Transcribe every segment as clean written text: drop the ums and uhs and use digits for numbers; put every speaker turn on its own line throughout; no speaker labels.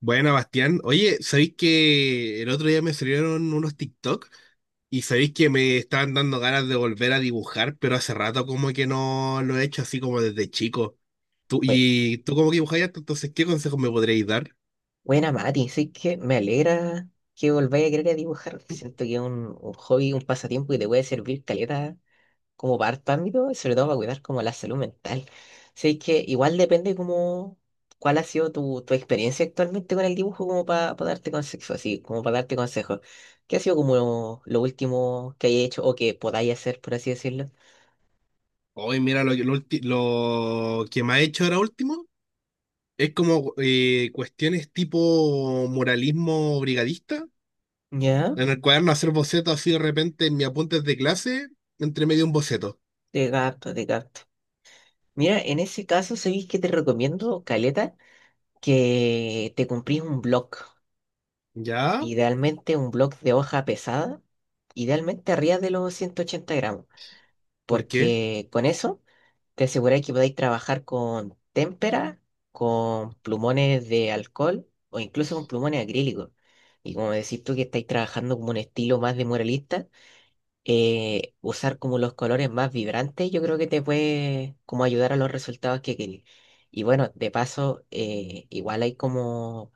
Buena, Bastián. Oye, ¿sabéis que el otro día me salieron unos TikTok y sabéis que me estaban dando ganas de volver a dibujar, pero hace rato como que no lo he hecho así como desde chico? Tú,
Bue-
y tú como que dibujáis harto, entonces, ¿qué consejos me podríais dar?
Buena, Mati, sí que me alegra que volváis a querer a dibujar. Siento que es un hobby, un pasatiempo que te puede servir caleta como para harto ámbito, y sobre todo para cuidar como la salud mental. Sí que igual depende como cuál ha sido tu experiencia actualmente con el dibujo como para darte consejos. ¿Qué ha sido como lo último que hayáis hecho o que podáis hacer, por así decirlo?
Hoy, mira, lo que me ha hecho ahora último es como cuestiones tipo muralismo brigadista,
Ya,
en el cuaderno hacer bocetos así de repente en mis apuntes de clase, entre medio un boceto.
de gato, de gato. Mira, en ese caso, ¿sabéis que te recomiendo, caleta? Que te cumplís un blog,
¿Ya?
idealmente un blog de hoja pesada, idealmente arriba de los 180 gramos,
¿Por qué?
porque con eso te aseguráis que podéis trabajar con témpera, con plumones de alcohol o incluso con plumones acrílicos. Y como decís tú que estáis trabajando como un estilo más de muralista, usar como los colores más vibrantes yo creo que te puede como ayudar a los resultados que querís. Y bueno, de paso, igual hay como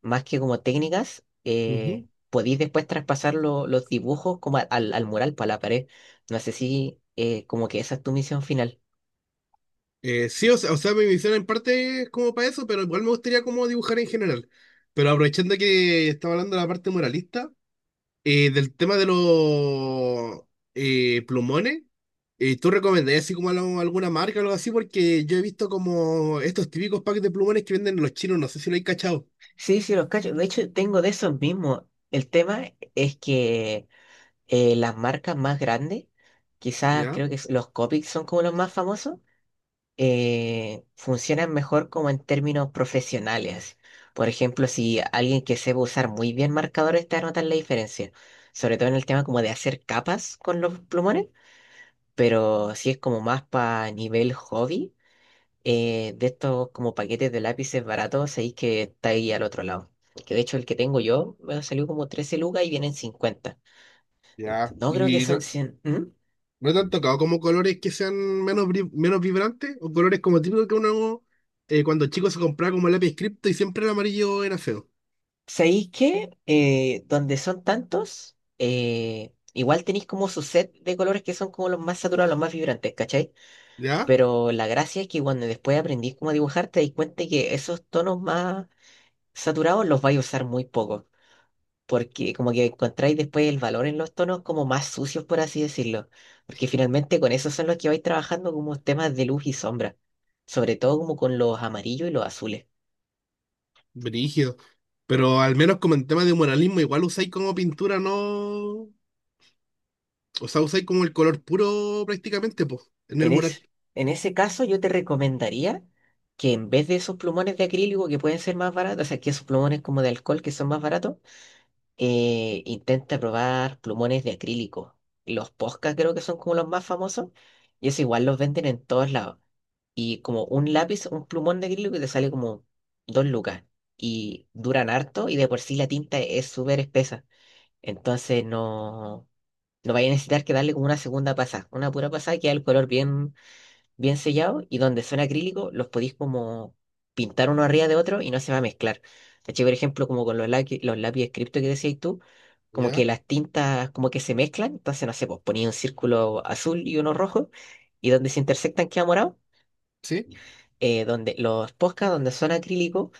más que como técnicas, podéis después traspasar los dibujos como al mural, para la pared. No sé si como que esa es tu misión final.
Sí, o sea, mi visión en parte es como para eso, pero igual me gustaría como dibujar en general. Pero aprovechando que estaba hablando de la parte moralista, del tema de los plumones, ¿tú recomendarías así como alguna marca o algo así? Porque yo he visto como estos típicos packs de plumones que venden los chinos, no sé si lo hay cachado.
Sí, sí, los cacho. De hecho, tengo de esos mismos. El tema es que las marcas más grandes, quizás
¿Ya?
creo que los Copics son como los más famosos, funcionan mejor como en términos profesionales. Por ejemplo, si alguien que sepa usar muy bien marcadores te va a notar la diferencia, sobre todo en el tema como de hacer capas con los plumones, pero si es como más para nivel hobby, de estos como paquetes de lápices baratos, sabéis que está ahí al otro lado. Que de hecho el que tengo yo me salió como 13 lucas y vienen 50.
Ya.
No creo que
¿Y
son
no,
100. ¿Mm?
no te han tocado como colores que sean menos, menos vibrantes o colores como típicos que uno cuando chico se compraba como lápiz cripto y siempre el amarillo era feo?
¿Sabéis que donde son tantos, igual tenéis como su set de colores que son como los más saturados, los más vibrantes, ¿cachai?
¿Ya?
Pero la gracia es que cuando después aprendís cómo dibujar, te dais cuenta que esos tonos más saturados los vais a usar muy poco, porque como que encontráis después el valor en los tonos como más sucios, por así decirlo, porque finalmente con esos son los que vais trabajando como temas de luz y sombra, sobre todo como con los amarillos y los azules.
Brígido. Pero al menos como en tema de muralismo, igual usáis como pintura, ¿no? O sea, usáis como el color puro prácticamente, pues, en el
En es-
mural.
en ese caso, yo te recomendaría que en vez de esos plumones de acrílico que pueden ser más baratos, o sea, que esos plumones como de alcohol que son más baratos, intenta probar plumones de acrílico. Los Posca creo que son como los más famosos, y eso igual los venden en todos lados. Y como un lápiz, un plumón de acrílico que te sale como dos lucas. Y duran harto, y de por sí la tinta es súper espesa. Entonces no vaya a necesitar que darle como una segunda pasada, una pura pasada que da el color bien bien sellados y donde son acrílicos los podéis como pintar uno arriba de otro y no se va a mezclar. ¿Cachai? Por ejemplo, como con los lápices cripto que decías tú, como que
¿Ya?
las tintas como que se mezclan, entonces no sé, pues ponía un círculo azul y uno rojo y donde se intersectan queda morado.
¿Sí?
Donde los posca, donde son acrílicos,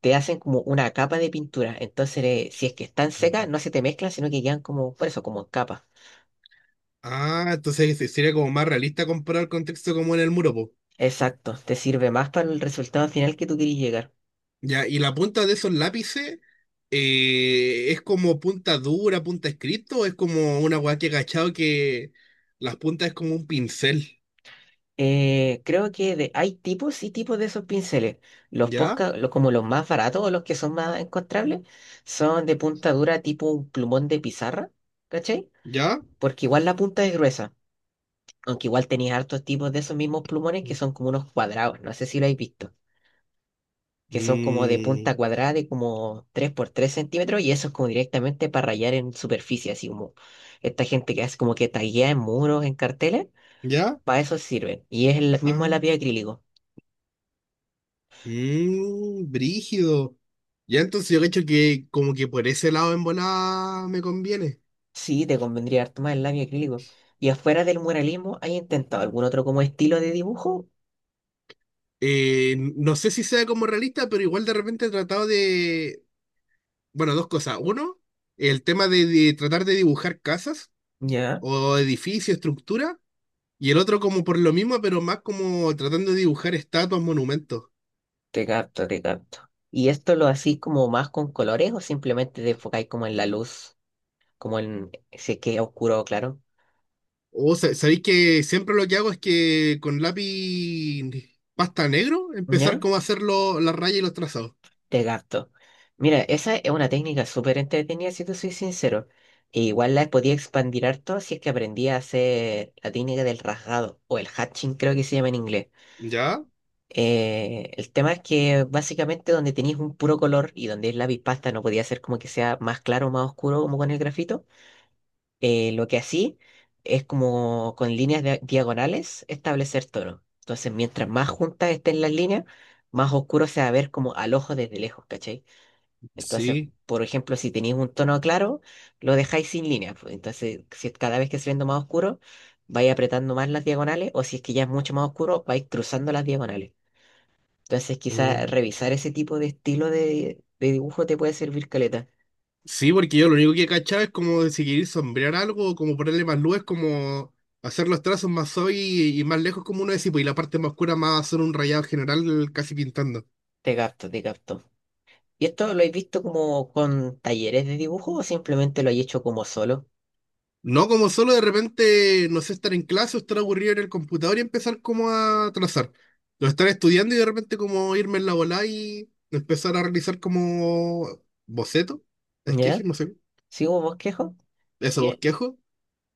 te hacen como una capa de pintura. Entonces, si es que están
Ujú.
secas, no se te mezclan, sino que quedan como, por eso, como en capa.
Ah, entonces sería como más realista comparar el contexto como en el muro, pues.
Exacto, te sirve más para el resultado final que tú querías llegar.
Ya, y la punta de esos lápices, ¿es como punta dura, punta escrito, o es como una weá que he cachado que las puntas es como un pincel?
Creo que hay tipos y tipos de esos pinceles. Los
¿Ya?
posca, como los más baratos o los que son más encontrables, son de punta dura tipo un plumón de pizarra, ¿cachai?
¿Ya?
Porque igual la punta es gruesa, aunque igual tenías hartos tipos de esos mismos plumones que son como unos cuadrados, no sé si lo habéis visto, que son como de
Mm,
punta cuadrada de como 3 por 3 centímetros y eso es como directamente para rayar en superficie, así como esta gente que hace como que taguea en muros, en carteles,
¿ya?
para eso sirven. Y es el mismo lápiz
Ah.
acrílico.
Mm, brígido. Ya, entonces yo cacho que como que por ese lado en volada me conviene.
Sí, te convendría harto más el labio acrílico. Y afuera del muralismo, ¿hay intentado algún otro como estilo de dibujo?
No sé si sea como realista, pero igual de repente he tratado de, bueno, dos cosas. Uno, el tema de tratar de dibujar casas
Ya,
o edificios, estructura. Y el otro como por lo mismo, pero más como tratando de dibujar estatuas, monumentos.
te capto, te capto. ¿Y esto lo hacís como más con colores o simplemente te enfocáis como en la luz, como en si es que es oscuro o claro?
Sabéis que siempre lo que hago es que con lápiz pasta negro empezar
Ya,
como a hacer las rayas y los trazados.
te capto. Mira, esa es una técnica súper entretenida, si te soy sincero. E igual la podía expandir harto si es que aprendía a hacer la técnica del rasgado o el hatching, creo que se llama en inglés.
¿Ya?
El tema es que básicamente donde tenéis un puro color y donde es lápiz pasta no podía ser como que sea más claro o más oscuro como con el grafito. Lo que así es como con líneas diagonales establecer tonos. Entonces, mientras más juntas estén las líneas, más oscuro se va a ver como al ojo desde lejos, ¿cachai? Entonces,
Sí.
por ejemplo, si tenéis un tono claro, lo dejáis sin líneas, pues. Entonces, si es- cada vez que se viendo más oscuro, vais apretando más las diagonales o si es que ya es mucho más oscuro, vais cruzando las diagonales. Entonces, quizás
Mm.
revisar ese tipo de estilo de dibujo te puede servir caleta.
Sí, porque yo lo único que cachaba es como de si queréis sombrear algo, como ponerle más luz, es como hacer los trazos más hoy y más lejos como uno decía, pues, y la parte más oscura más hacer un rayado general casi pintando.
Te capto, te capto. ¿Y esto lo has visto como con talleres de dibujo o simplemente lo has hecho como solo?
No, como solo de repente, no sé, estar en clase o estar aburrido en el computador y empezar como a trazar. O estar estudiando y de repente como irme en la bola y empezar a realizar como boceto, esqueje,
¿Ya?
no sé,
¿Sí hubo bosquejo?
eso,
Mira,
bosquejo.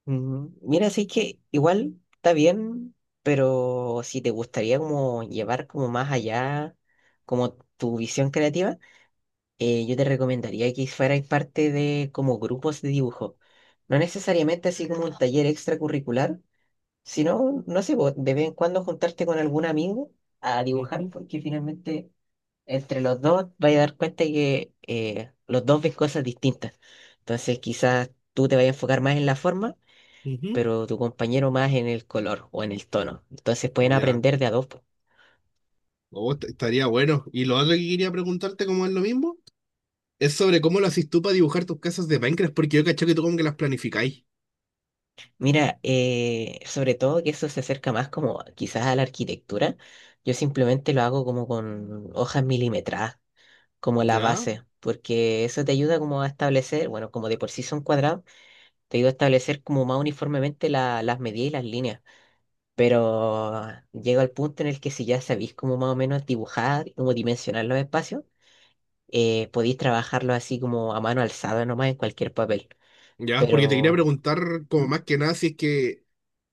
mira, así que igual está bien, pero si te gustaría como llevar como más allá como tu visión creativa, yo te recomendaría que fuerais parte de como grupos de dibujo. No necesariamente así como un taller extracurricular, si no, no sé, po, de vez en cuando juntarte con algún amigo a dibujar,
Ujú,
porque finalmente entre los dos vais a dar cuenta que los dos ven cosas distintas. Entonces quizás tú te vayas a enfocar más en la forma,
ujú.
pero tu compañero más en el color o en el tono. Entonces pueden
Ya.
aprender de a dos, po.
Oh, estaría bueno. Y lo otro que quería preguntarte, como es lo mismo, es sobre cómo lo haces tú para dibujar tus casas de Minecraft, porque yo caché que tú como que las planificáis.
Mira, sobre todo que eso se acerca más como quizás a la arquitectura. Yo simplemente lo hago como con hojas milimetradas, como la
Ya,
base, porque eso te ayuda como a establecer, bueno, como de por sí son cuadrados te ayuda a establecer como más uniformemente las medidas y las líneas. Pero llega al punto en el que si ya sabéis como más o menos dibujar, como dimensionar los espacios, podéis trabajarlos así como a mano alzada nomás en cualquier papel.
ya, porque te quería
Pero...
preguntar como
¿Mm?
más que nada si es que,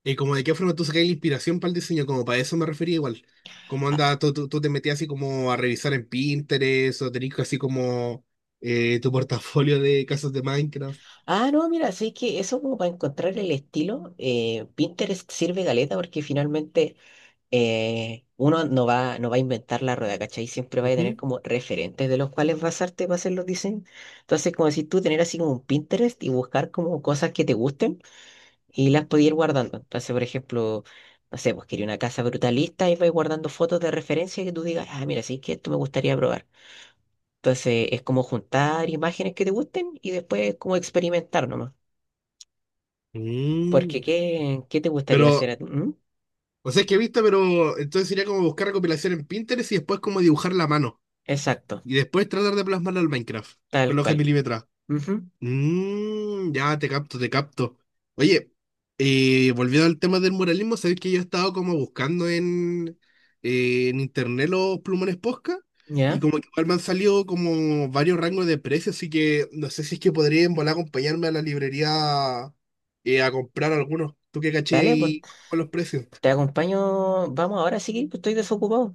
como de qué forma tú sacáis la inspiración para el diseño, como para eso me refería igual. ¿Cómo
Ah,
anda, tú te metías así como a revisar en Pinterest o tenías así como tu portafolio de casas de Minecraft?
ah, no, mira, sí que eso como para encontrar el estilo, Pinterest sirve galeta porque finalmente uno no va a inventar la rueda, ¿cachai? Siempre va a tener
Ujú.
como referentes de los cuales basarte para hacer los diseños. Entonces, como si tú tener así como un Pinterest y buscar como cosas que te gusten y las podías ir guardando. Entonces, por ejemplo, no sé, pues quería una casa brutalista y vais guardando fotos de referencia que tú digas, ah, mira, sí que esto me gustaría probar. Entonces, es como juntar imágenes que te gusten y después como experimentar nomás. Porque,
Mm,
¿qué te gustaría hacer
pero,
a ti? ¿Mm?
o sea, es que he visto, pero entonces sería como buscar recopilación en Pinterest y después como dibujar la mano.
Exacto,
Y después tratar de plasmarlo al Minecraft con
tal
la hoja
cual.
milimetrada.
Ujú.
Mmm, ya te capto, te capto. Oye, volviendo al tema del muralismo, sabéis que yo he estado como buscando en internet los plumones Posca y
¿Ya?
como que igual me han salido como varios rangos de precios, así que no sé si es que podría en volar acompañarme a la librería a comprar algunos. ¿Tú qué caché
Dale, pues
y con los precios?
te acompaño. Vamos, ahora sí que estoy desocupado.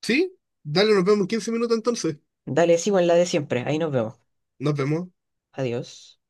¿Sí? Dale, nos vemos en 15 minutos entonces.
Dale, sigo en la de siempre. Ahí nos vemos.
Nos vemos.
Adiós.